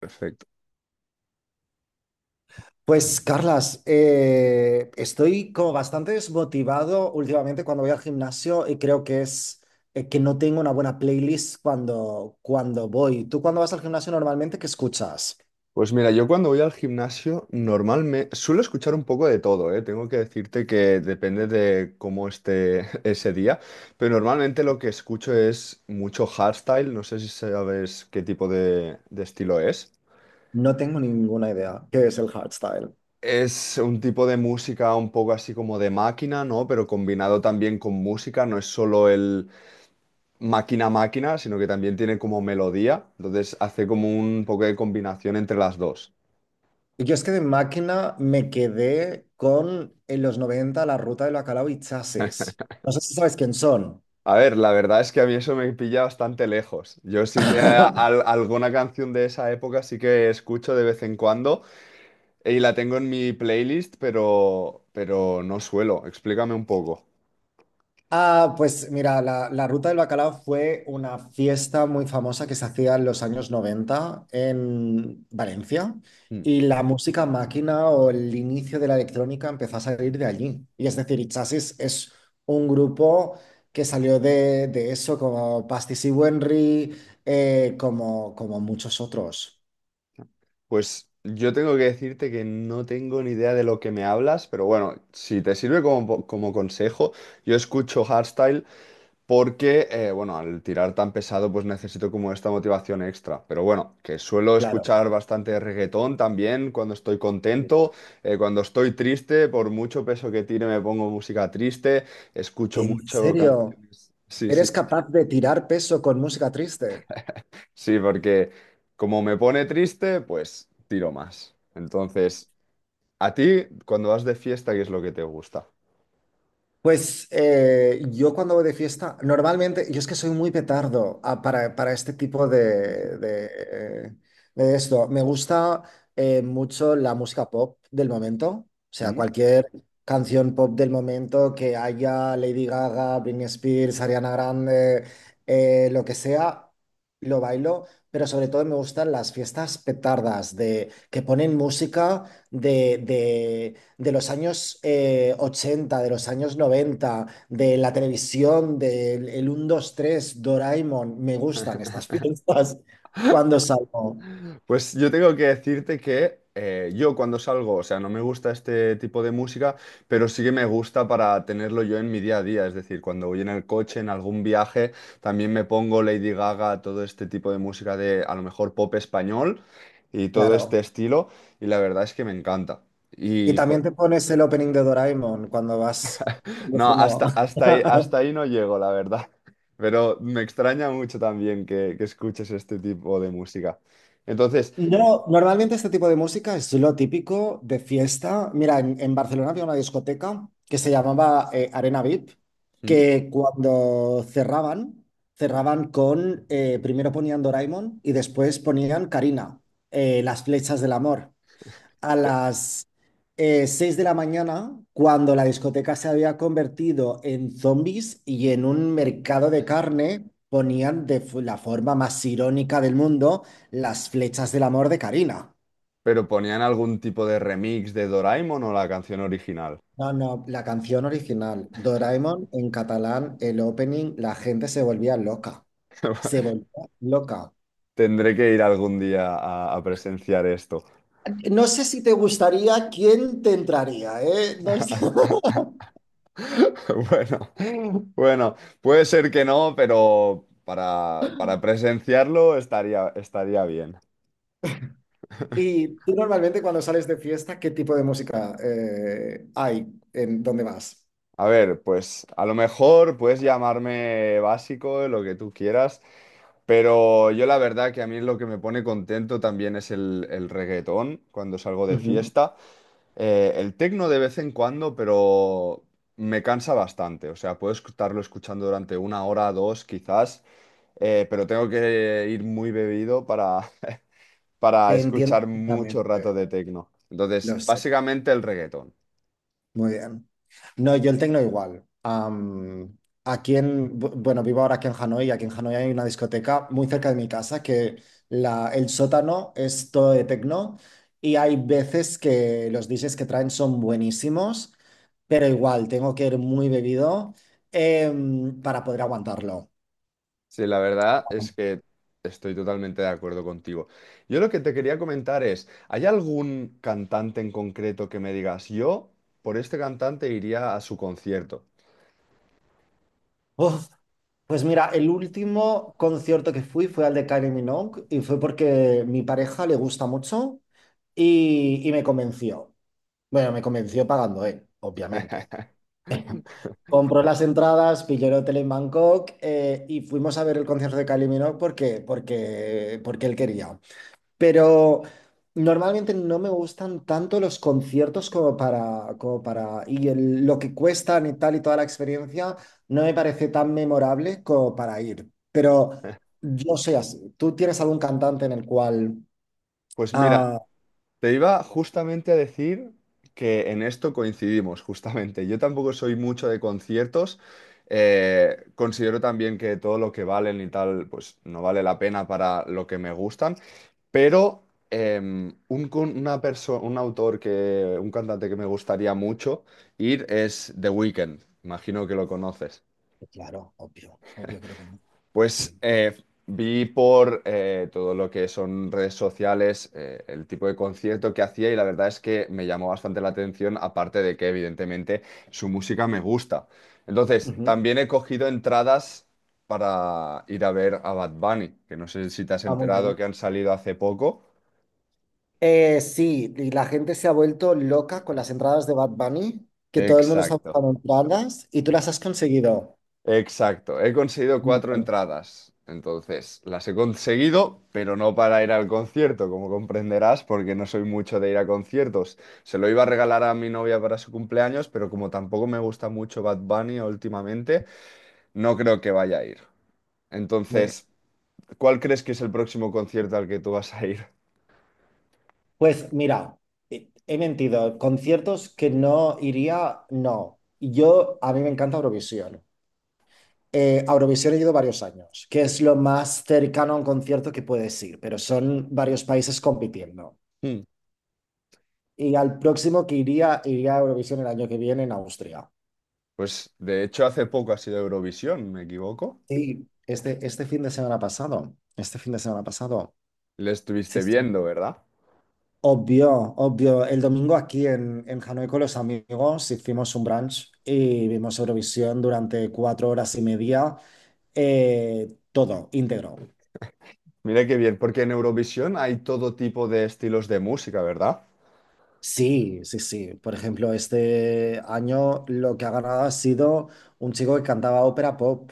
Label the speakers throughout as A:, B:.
A: Perfecto.
B: Pues, Carlas, estoy como bastante desmotivado últimamente cuando voy al gimnasio y creo que es que no tengo una buena playlist cuando voy. ¿Tú cuando vas al gimnasio normalmente qué escuchas?
A: Pues mira, yo cuando voy al gimnasio normalmente suelo escuchar un poco de todo, ¿eh? Tengo que decirte que depende de cómo esté ese día, pero normalmente lo que escucho es mucho hardstyle, no sé si sabes qué tipo de estilo es.
B: No tengo ninguna idea qué es el hardstyle.
A: Es un tipo de música un poco así como de máquina, ¿no? Pero combinado también con música, no es solo el máquina-máquina, sino que también tiene como melodía, entonces hace como un poco de combinación entre las dos.
B: Yo es que de máquina me quedé con en los 90 la Ruta del Bacalao y Chasis. No sé si sabes quién son.
A: A ver, la verdad es que a mí eso me pilla bastante lejos. Yo sí que alguna canción de esa época sí que escucho de vez en cuando y la tengo en mi playlist, pero no suelo. Explícame un poco.
B: Ah, pues mira, la Ruta del Bacalao fue una fiesta muy famosa que se hacía en los años 90 en Valencia,
A: Mm.
B: y la música máquina o el inicio de la electrónica empezó a salir de allí. Y es decir, Itchasis es un grupo que salió de eso, como Pastis y Wenry, como muchos otros.
A: Pues yo tengo que decirte que no tengo ni idea de lo que me hablas, pero bueno, si te sirve como, como consejo, yo escucho hardstyle. Porque, bueno, al tirar tan pesado, pues necesito como esta motivación extra. Pero bueno, que suelo
B: Claro.
A: escuchar bastante reggaetón también cuando estoy contento, cuando estoy triste, por mucho peso que tire me pongo música triste, escucho
B: ¿En
A: mucho
B: serio?
A: canciones. Sí, sí,
B: ¿Eres capaz de tirar peso con música triste?
A: sí, porque como me pone triste, pues tiro más. Entonces, ¿a ti cuando vas de fiesta, qué es lo que te gusta?
B: Pues yo cuando voy de fiesta, normalmente, yo es que soy muy petardo, para este tipo de, de, de esto. Me gusta mucho la música pop del momento, o sea,
A: ¿Mm?
B: cualquier canción pop del momento que haya Lady Gaga, Britney Spears, Ariana Grande, lo que sea, lo bailo, pero sobre todo me gustan las fiestas petardas que ponen música de, de los años 80, de los años 90, de la televisión, del el 1, 2, 3, Doraemon. Me gustan estas fiestas cuando salgo,
A: Pues yo tengo que decirte que yo cuando salgo, o sea, no me gusta este tipo de música, pero sí que me gusta para tenerlo yo en mi día a día. Es decir, cuando voy en el coche, en algún viaje, también me pongo Lady Gaga, todo este tipo de música de a lo mejor pop español y todo este
B: claro.
A: estilo, y la verdad es que me encanta.
B: Y
A: Y po-
B: también te pones el opening de Doraemon cuando vas
A: no,
B: conduciendo.
A: hasta, hasta ahí no llego, la verdad. Pero me extraña mucho también que escuches este tipo de música. Entonces...
B: No, normalmente este tipo de música es lo típico de fiesta. Mira, en Barcelona había una discoteca que se llamaba Arena VIP,
A: ¿Mm?
B: que cuando cerraban, cerraban con, primero ponían Doraemon y después ponían Karina, las flechas del amor a las 6 de la mañana, cuando la discoteca se había convertido en zombies y en un mercado de carne ponían de la forma más irónica del mundo las flechas del amor de Karina.
A: Pero ponían algún tipo de remix de Doraemon o la canción original.
B: No, no, la canción original, Doraemon en catalán, el opening, la gente se volvía loca. Se volvía loca.
A: Tendré que ir algún día a presenciar esto.
B: No sé si te gustaría quién te entraría, ¿eh? No sé.
A: Bueno, bueno, puede ser que no, pero para presenciarlo estaría bien.
B: Y tú normalmente cuando sales de fiesta, ¿qué tipo de música hay en dónde vas?
A: A ver, pues a lo mejor puedes llamarme básico, lo que tú quieras, pero yo la verdad que a mí lo que me pone contento también es el reggaetón cuando salgo de
B: Ujú.
A: fiesta. El tecno de vez en cuando, pero me cansa bastante. O sea, puedo estarlo escuchando durante una hora, dos quizás, pero tengo que ir muy bebido para para
B: Te entiendo
A: escuchar mucho rato
B: perfectamente,
A: de tecno.
B: lo
A: Entonces,
B: sé,
A: básicamente el reggaetón.
B: muy bien. No, yo el tecno igual. Aquí bueno, vivo ahora aquí en Hanoi, y aquí en Hanoi hay una discoteca muy cerca de mi casa que el sótano es todo de tecno, y hay veces que los DJs que traen son buenísimos, pero igual tengo que ir muy bebido, para poder aguantarlo.
A: Sí, la verdad es que estoy totalmente de acuerdo contigo. Yo lo que te quería comentar es, ¿hay algún cantante en concreto que me digas, yo por este cantante iría a su concierto?
B: Uf, pues mira, el último concierto que fui fue al de Kylie Minogue, y fue porque mi pareja le gusta mucho y me convenció. Bueno, me convenció pagando él, obviamente. Compró las entradas, pilló el hotel en Bangkok, y fuimos a ver el concierto de Kylie Minogue porque él quería. Pero normalmente no me gustan tanto los conciertos como para, y lo que cuestan y tal y toda la experiencia no me parece tan memorable como para ir. Pero yo soy así. ¿Tú tienes algún cantante en el cual...?
A: Pues mira,
B: Ah,
A: te iba justamente a decir que en esto coincidimos, justamente. Yo tampoco soy mucho de conciertos. Considero también que todo lo que valen y tal, pues no vale la pena para lo que me gustan. Pero em, un, con- una perso- un autor un cantante que me gustaría mucho ir es The Weeknd. Imagino que lo conoces.
B: claro, obvio, obvio que lo conozco.
A: Pues
B: Sí.
A: vi por todo lo que son redes sociales el tipo de concierto que hacía y la verdad es que me llamó bastante la atención, aparte de que evidentemente su música me gusta. Entonces,
B: Ujú.
A: también he cogido entradas para ir a ver a Bad Bunny, que no sé si te has
B: Ah, muy
A: enterado
B: bien.
A: que han salido hace poco.
B: Sí, y la gente se ha vuelto loca con las entradas de Bad Bunny, que todo el mundo está
A: Exacto.
B: buscando entradas y tú las has conseguido.
A: Exacto, he conseguido
B: Muy
A: cuatro entradas. Entonces, las he conseguido, pero no para ir al concierto, como comprenderás, porque no soy mucho de ir a conciertos. Se lo iba a regalar a mi novia para su cumpleaños, pero como tampoco me gusta mucho Bad Bunny últimamente, no creo que vaya a ir.
B: bien.
A: Entonces, ¿cuál crees que es el próximo concierto al que tú vas a ir?
B: Pues mira, he mentido. Conciertos que no iría, no. A mí me encanta Eurovisión. A Eurovisión he ido varios años, que es lo más cercano a un concierto que puedes ir, pero son varios países compitiendo.
A: Hmm.
B: Y al próximo que iría, iría a Eurovisión el año que viene en Austria.
A: Pues de hecho hace poco ha sido Eurovisión, ¿me equivoco?
B: Sí, este fin de semana pasado. Este fin de semana pasado.
A: Le
B: Sí,
A: estuviste
B: sí.
A: viendo, ¿verdad?
B: Obvio, obvio. El domingo aquí en Hanoi con los amigos hicimos un brunch y vimos Eurovisión durante 4 horas y media, todo íntegro.
A: Mira qué bien, porque en Eurovisión hay todo tipo de estilos de música, ¿verdad?
B: Sí, sí, sí. Por ejemplo, este año lo que ha ganado ha sido un chico que cantaba ópera pop.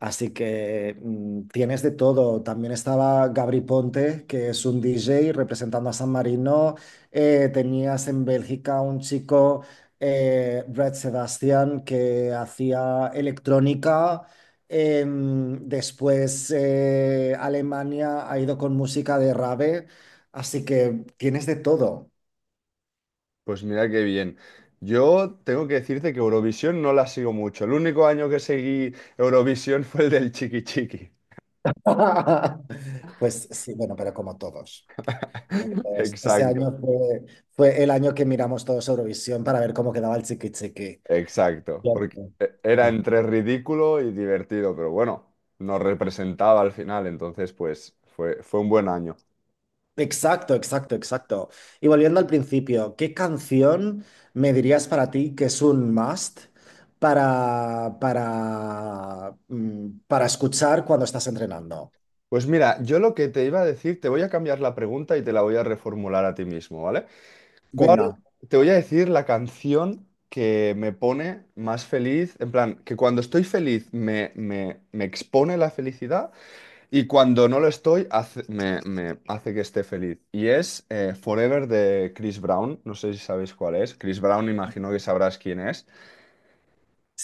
B: Así que tienes de todo. También estaba Gabri Ponte, que es un DJ representando a San Marino. Tenías en Bélgica un chico, Brad Sebastian, que hacía electrónica. Después Alemania ha ido con música de rave. Así que tienes de todo.
A: Pues mira qué bien. Yo tengo que decirte que Eurovisión no la sigo mucho. El único año que seguí Eurovisión fue el del Chiqui Chiqui.
B: Pues sí, bueno, pero como todos. Como todos. Ese
A: Exacto,
B: año fue el año que miramos todos Eurovisión para ver cómo quedaba el chiqui chiqui.
A: exacto. Porque
B: Cierto.
A: era entre ridículo y divertido, pero bueno, nos representaba al final, entonces pues fue, fue un buen año.
B: Exacto, exacto, exacto. Y volviendo al principio, ¿qué canción me dirías para ti que es un must para, para escuchar cuando estás entrenando?
A: Pues mira, yo lo que te iba a decir, te voy a cambiar la pregunta y te la voy a reformular a ti mismo, ¿vale? ¿Cuál?
B: Venga.
A: Te voy a decir la canción que me pone más feliz, en plan, que cuando estoy feliz me, me, me expone la felicidad y cuando no lo estoy me, me hace que esté feliz. Y es Forever de Chris Brown, no sé si sabéis cuál es. Chris Brown, imagino que sabrás quién es.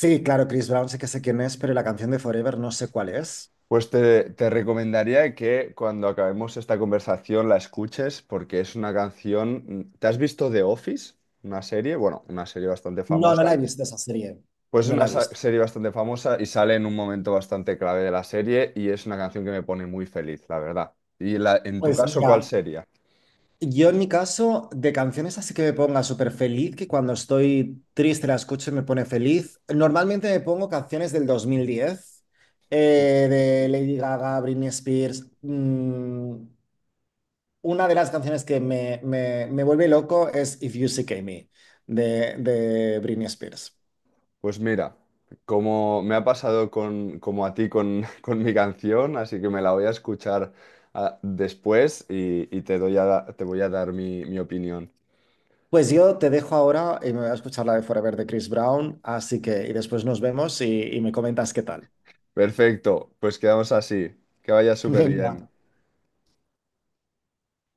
B: Sí, claro, Chris Brown sé que sé quién es, pero la canción de Forever no sé cuál es.
A: Pues te recomendaría que cuando acabemos esta conversación la escuches porque es una canción... ¿Te has visto The Office? Una serie, bueno, una serie bastante
B: No, no
A: famosa.
B: la he visto esa serie.
A: Pues es
B: No
A: una
B: la he visto.
A: serie bastante famosa y sale en un momento bastante clave de la serie y es una canción que me pone muy feliz, la verdad. Y la, en tu
B: Pues
A: caso, ¿cuál
B: mira,
A: sería?
B: yo en mi caso, de canciones así que me ponga súper feliz, que cuando estoy triste la escucho y me pone feliz. Normalmente me pongo canciones del 2010, eh, de Lady Gaga, Britney Spears. Una de las canciones que me vuelve loco es If You Sick Me, de Britney Spears.
A: Pues mira, como me ha pasado con, como a ti con, con mi canción, así que me la voy a escuchar después y te doy a te voy a dar mi opinión.
B: Pues yo te dejo ahora y me voy a escuchar la de Forever de Chris Brown, así que y después nos vemos y me comentas qué tal.
A: Perfecto, pues quedamos así. Que vaya súper bien.
B: Venga.